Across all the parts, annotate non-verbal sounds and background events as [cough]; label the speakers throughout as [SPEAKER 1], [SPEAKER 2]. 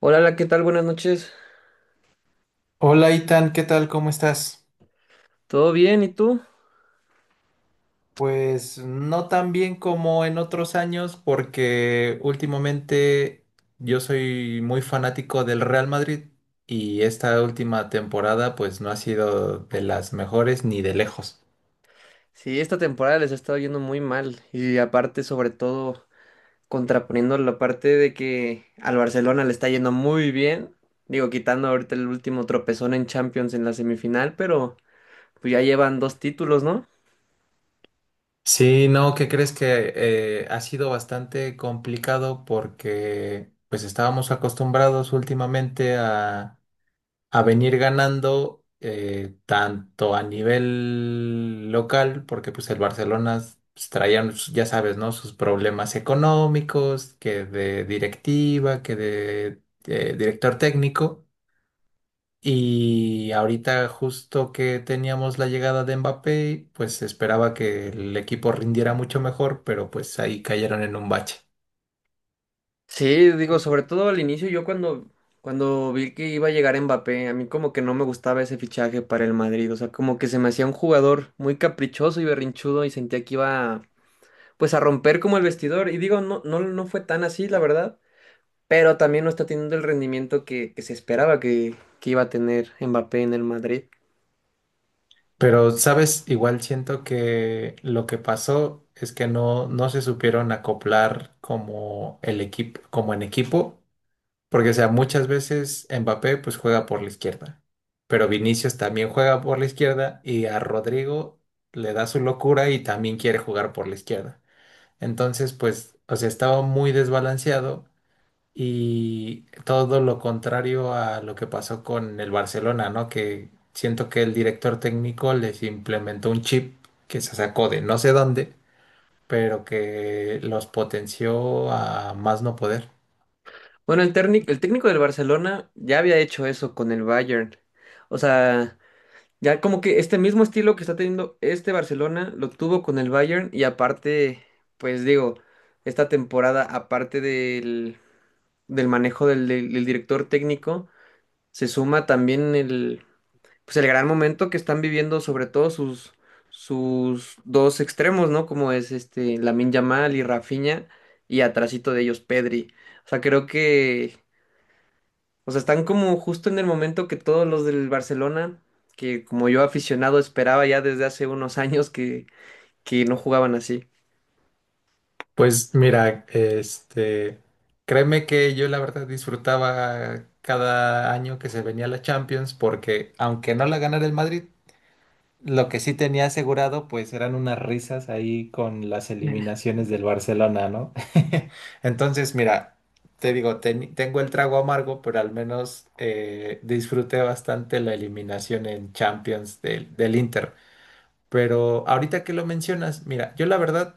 [SPEAKER 1] Hola, hola, ¿qué tal? Buenas noches.
[SPEAKER 2] Hola Itan, ¿qué tal? ¿Cómo estás?
[SPEAKER 1] ¿Todo bien? ¿Y tú?
[SPEAKER 2] Pues no tan bien como en otros años porque últimamente yo soy muy fanático del Real Madrid y esta última temporada pues no ha sido de las mejores ni de lejos.
[SPEAKER 1] Sí, esta temporada les ha estado yendo muy mal y aparte, sobre todo, contraponiendo la parte de que al Barcelona le está yendo muy bien, digo, quitando ahorita el último tropezón en Champions en la semifinal, pero pues ya llevan dos títulos, ¿no?
[SPEAKER 2] Sí, no, ¿qué crees que ha sido bastante complicado porque pues estábamos acostumbrados últimamente a venir ganando tanto a nivel local, porque pues el Barcelona pues, traían, ya sabes, ¿no? Sus problemas económicos, que de directiva, que de director técnico. Y ahorita justo que teníamos la llegada de Mbappé, pues se esperaba que el equipo rindiera mucho mejor, pero pues ahí cayeron en un bache.
[SPEAKER 1] Sí, digo, sobre todo al inicio yo cuando vi que iba a llegar Mbappé, a mí como que no me gustaba ese fichaje para el Madrid, o sea, como que se me hacía un jugador muy caprichoso y berrinchudo y sentía que iba pues a romper como el vestidor. Y digo, no, no, no fue tan así, la verdad, pero también no está teniendo el rendimiento que se esperaba que iba a tener Mbappé en el Madrid.
[SPEAKER 2] Pero, ¿sabes? Igual siento que lo que pasó es que no se supieron acoplar como el equipo, como en equipo, porque, o sea, muchas veces Mbappé pues juega por la izquierda, pero Vinicius también juega por la izquierda y a Rodrigo le da su locura y también quiere jugar por la izquierda. Entonces, pues, o sea, estaba muy desbalanceado y todo lo contrario a lo que pasó con el Barcelona, ¿no? Que siento que el director técnico les implementó un chip que se sacó de no sé dónde, pero que los potenció a más no poder.
[SPEAKER 1] Bueno, el técnico del Barcelona ya había hecho eso con el Bayern. O sea, ya como que este mismo estilo que está teniendo este Barcelona lo tuvo con el Bayern y aparte, pues digo, esta temporada, aparte del manejo del director técnico, se suma también el pues el gran momento que están viviendo sobre todo sus dos extremos, ¿no? Como es este Lamine Yamal y Rafinha y atrasito de ellos Pedri. O sea, creo que, o sea, están como justo en el momento que todos los del Barcelona, que como yo aficionado esperaba ya desde hace unos años que no jugaban así.
[SPEAKER 2] Pues mira, créeme que yo la verdad disfrutaba cada año que se venía la Champions porque aunque no la ganara el Madrid, lo que sí tenía asegurado, pues eran unas risas ahí con las
[SPEAKER 1] [laughs]
[SPEAKER 2] eliminaciones del Barcelona, ¿no? [laughs] Entonces, mira, te digo, tengo el trago amargo, pero al menos disfruté bastante la eliminación en Champions del Inter. Pero ahorita que lo mencionas, mira, yo la verdad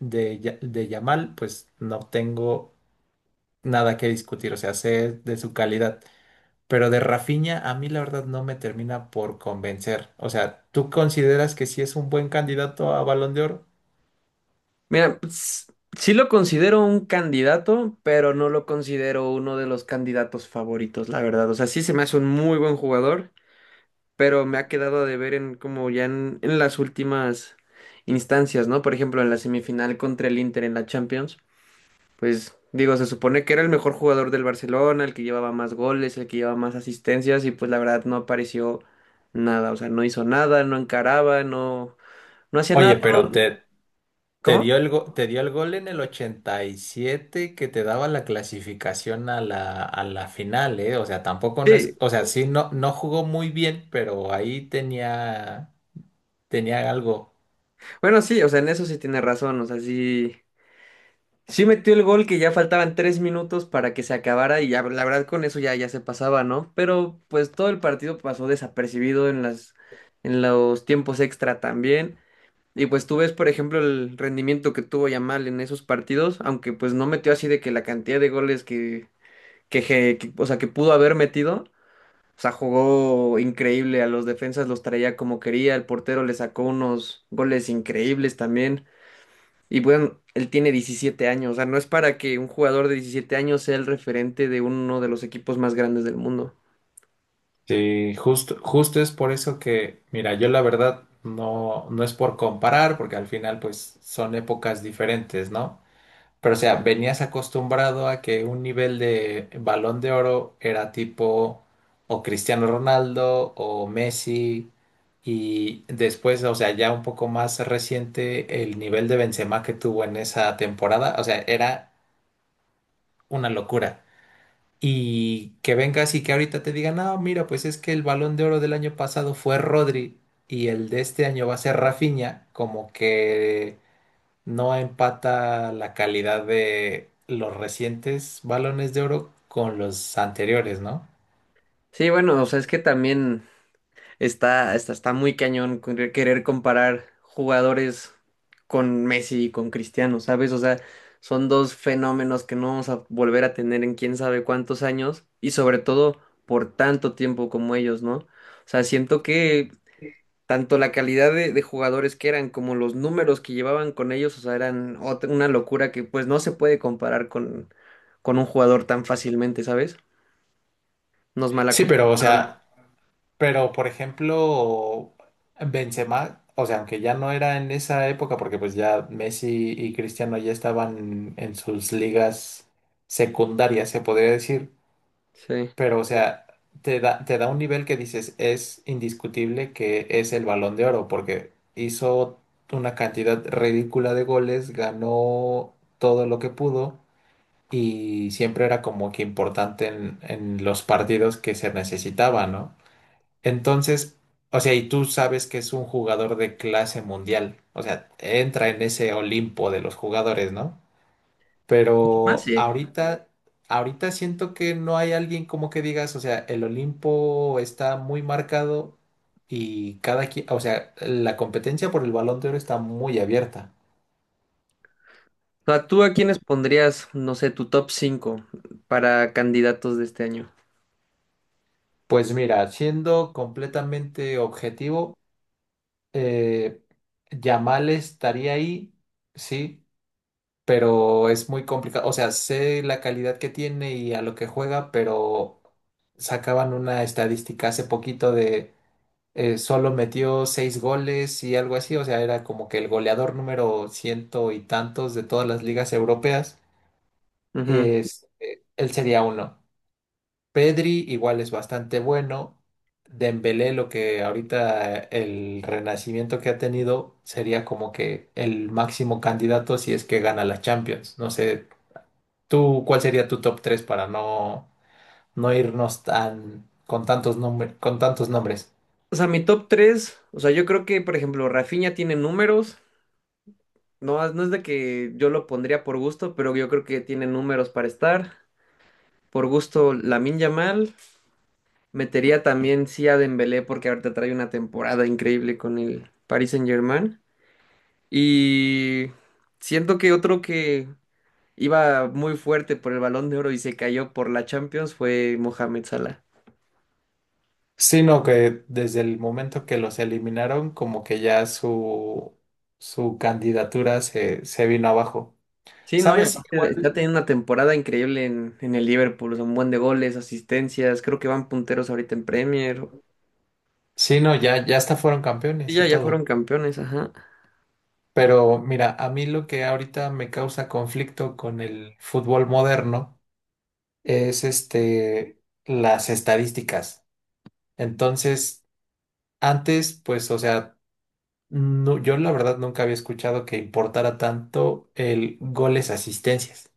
[SPEAKER 2] de Yamal, pues no tengo nada que discutir, o sea, sé de su calidad. Pero de Rafinha a mí la verdad no me termina por convencer. O sea, ¿tú consideras que sí es un buen candidato a Balón de Oro?
[SPEAKER 1] Mira, pues, sí lo considero un candidato, pero no lo considero uno de los candidatos favoritos, la verdad. O sea, sí se me hace un muy buen jugador, pero me ha quedado de ver en como ya en las últimas instancias, ¿no? Por ejemplo, en la semifinal contra el Inter en la Champions, pues digo, se supone que era el mejor jugador del Barcelona, el que llevaba más goles, el que llevaba más asistencias y pues la verdad no apareció nada, o sea, no hizo nada, no encaraba, no hacía
[SPEAKER 2] Oye,
[SPEAKER 1] nada.
[SPEAKER 2] pero
[SPEAKER 1] ¿Cómo?
[SPEAKER 2] te dio el gol en el 87 que te daba la clasificación a la final, ¿eh? O sea, tampoco no es,
[SPEAKER 1] Sí.
[SPEAKER 2] o sea, sí no jugó muy bien, pero ahí tenía algo.
[SPEAKER 1] Bueno, sí, o sea, en eso sí tiene razón, o sea, sí metió el gol que ya faltaban 3 minutos para que se acabara y ya, la verdad con eso ya, ya se pasaba, ¿no? Pero pues todo el partido pasó desapercibido en en los tiempos extra también. Y pues tú ves, por ejemplo, el rendimiento que tuvo Yamal en esos partidos, aunque pues no metió así de que la cantidad de goles o sea, que pudo haber metido, o sea, jugó increíble, a los defensas los traía como quería, el portero le sacó unos goles increíbles también. Y bueno, él tiene 17 años, o sea, no es para que un jugador de 17 años sea el referente de uno de los equipos más grandes del mundo.
[SPEAKER 2] Sí, justo, justo es por eso que, mira, yo la verdad no es por comparar, porque al final pues son épocas diferentes, ¿no? Pero, o sea, venías acostumbrado a que un nivel de Balón de Oro era tipo o Cristiano Ronaldo o Messi y después, o sea, ya un poco más reciente el nivel de Benzema que tuvo en esa temporada, o sea, era una locura. Y que vengas y que ahorita te digan, no, mira, pues es que el Balón de Oro del año pasado fue Rodri y el de este año va a ser Rafinha, como que no empata la calidad de los recientes balones de oro con los anteriores, ¿no?
[SPEAKER 1] Sí, bueno, o sea, es que también está muy cañón querer comparar jugadores con Messi y con Cristiano, ¿sabes? O sea, son dos fenómenos que no vamos a volver a tener en quién sabe cuántos años y sobre todo por tanto tiempo como ellos, ¿no? O sea, siento que tanto la calidad de jugadores que eran como los números que llevaban con ellos, o sea, una locura que pues no se puede comparar con un jugador tan fácilmente, ¿sabes? Nos
[SPEAKER 2] Sí, pero, o
[SPEAKER 1] malacostumbraron.
[SPEAKER 2] sea, pero por ejemplo, Benzema, o sea, aunque ya no era en esa época, porque pues ya Messi y Cristiano ya estaban en sus ligas secundarias, se podría decir.
[SPEAKER 1] Sí.
[SPEAKER 2] Pero, o sea, te da un nivel que dices, es indiscutible que es el Balón de Oro, porque hizo una cantidad ridícula de goles, ganó todo lo que pudo y siempre era como que importante en los partidos que se necesitaba, ¿no? Entonces, o sea, y tú sabes que es un jugador de clase mundial, o sea, entra en ese Olimpo de los jugadores, ¿no?
[SPEAKER 1] Más
[SPEAKER 2] Pero
[SPEAKER 1] sí.
[SPEAKER 2] ahorita siento que no hay alguien como que digas, o sea, el Olimpo está muy marcado y cada quien, o sea, la competencia por el Balón de Oro está muy abierta.
[SPEAKER 1] O sea, ¿tú a quiénes pondrías, no sé, tu top 5 para candidatos de este año?
[SPEAKER 2] Pues mira, siendo completamente objetivo, eh, Yamal estaría ahí, sí, pero es muy complicado. O sea, sé la calidad que tiene y a lo que juega, pero sacaban una estadística hace poquito solo metió seis goles y algo así, o sea, era como que el goleador número ciento y tantos de todas las ligas europeas,
[SPEAKER 1] Ujú.
[SPEAKER 2] él sería uno. Pedri igual es bastante bueno. Dembélé, lo que ahorita el renacimiento que ha tenido sería como que el máximo candidato si es que gana la Champions. No sé, tú, ¿cuál sería tu top 3 para no irnos tan con tantos nombres, con tantos nombres?
[SPEAKER 1] O sea, mi top tres, o sea, yo creo que, por ejemplo, Rafinha tiene números. No, no es de que yo lo pondría por gusto, pero yo creo que tiene números para estar. Por gusto, Lamine Yamal. Metería también sí a Dembélé porque ahorita trae una temporada increíble con el Paris Saint-Germain. Y siento que otro que iba muy fuerte por el Balón de Oro y se cayó por la Champions fue Mohamed Salah.
[SPEAKER 2] Sino que desde el momento que los eliminaron, como que ya su candidatura se vino abajo.
[SPEAKER 1] Sí, no, y
[SPEAKER 2] ¿Sabes?
[SPEAKER 1] aparte está
[SPEAKER 2] Igual.
[SPEAKER 1] teniendo una temporada increíble en el Liverpool, son buen de goles, asistencias, creo que van punteros ahorita en Premier.
[SPEAKER 2] Sí, no, ya, ya hasta fueron
[SPEAKER 1] Sí,
[SPEAKER 2] campeones y
[SPEAKER 1] ya, ya fueron
[SPEAKER 2] todo.
[SPEAKER 1] campeones, ajá.
[SPEAKER 2] Pero mira, a mí lo que ahorita me causa conflicto con el fútbol moderno es las estadísticas. Entonces, antes, pues, o sea, no, yo la verdad nunca había escuchado que importara tanto el goles-asistencias.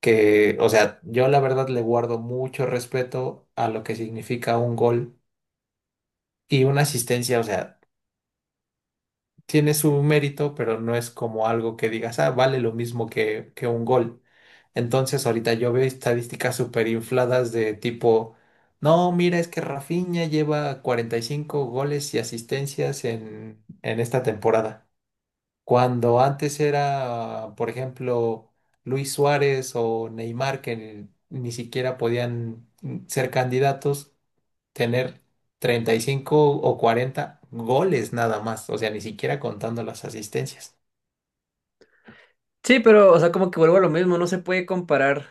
[SPEAKER 2] Que, o sea, yo la verdad le guardo mucho respeto a lo que significa un gol y una asistencia, o sea, tiene su mérito, pero no es como algo que digas, ah, vale lo mismo que un gol. Entonces, ahorita yo veo estadísticas súper infladas de tipo, no, mira, es que Rafinha lleva 45 goles y asistencias en esta temporada. Cuando antes era, por ejemplo, Luis Suárez o Neymar, que ni siquiera podían ser candidatos, tener 35 o 40 goles nada más, o sea, ni siquiera contando las asistencias.
[SPEAKER 1] Sí, pero, o sea, como que vuelvo a lo mismo, no se puede comparar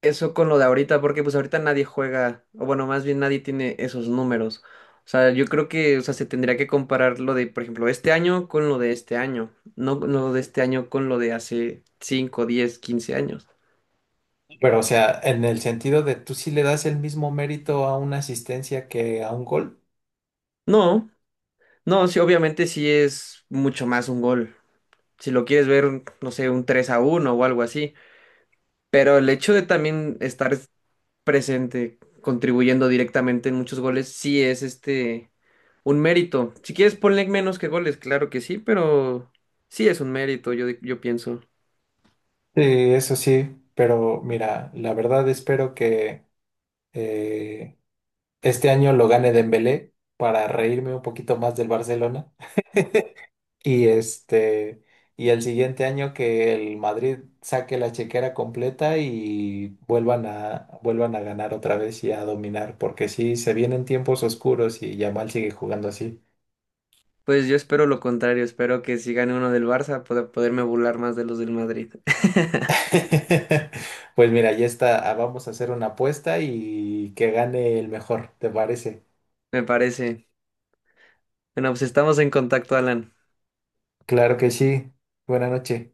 [SPEAKER 1] eso con lo de ahorita, porque pues ahorita nadie juega, o bueno, más bien nadie tiene esos números. O sea, yo creo que, o sea, se tendría que comparar lo de, por ejemplo, este año con lo de este año, no lo de este año con lo de hace 5, 10, 15 años.
[SPEAKER 2] Pero, o sea, en el sentido de tú sí le das el mismo mérito a una asistencia que a un gol.
[SPEAKER 1] No, no, sí, obviamente sí es mucho más un gol. Si lo quieres ver, no sé, un 3-1 o algo así. Pero el hecho de también estar presente, contribuyendo directamente en muchos goles, sí es este un mérito. Si quieres, ponle menos que goles, claro que sí, pero sí es un mérito, yo pienso.
[SPEAKER 2] Sí, eso sí, pero mira, la verdad espero que eh, este año lo gane Dembélé para reírme un poquito más del Barcelona. Y este, y el siguiente año que el Madrid saque la chequera completa y vuelvan a ganar otra vez y a dominar, porque sí, se vienen tiempos oscuros y Yamal sigue jugando así.
[SPEAKER 1] Pues yo espero lo contrario, espero que si gane uno del Barça pueda poderme burlar más de los del Madrid. [laughs]
[SPEAKER 2] [laughs] Pues mira, ya está, ah, vamos a hacer una apuesta y que gane el mejor, ¿te parece?
[SPEAKER 1] Me parece. Bueno, pues estamos en contacto, Alan.
[SPEAKER 2] Claro que sí. Buenas noches.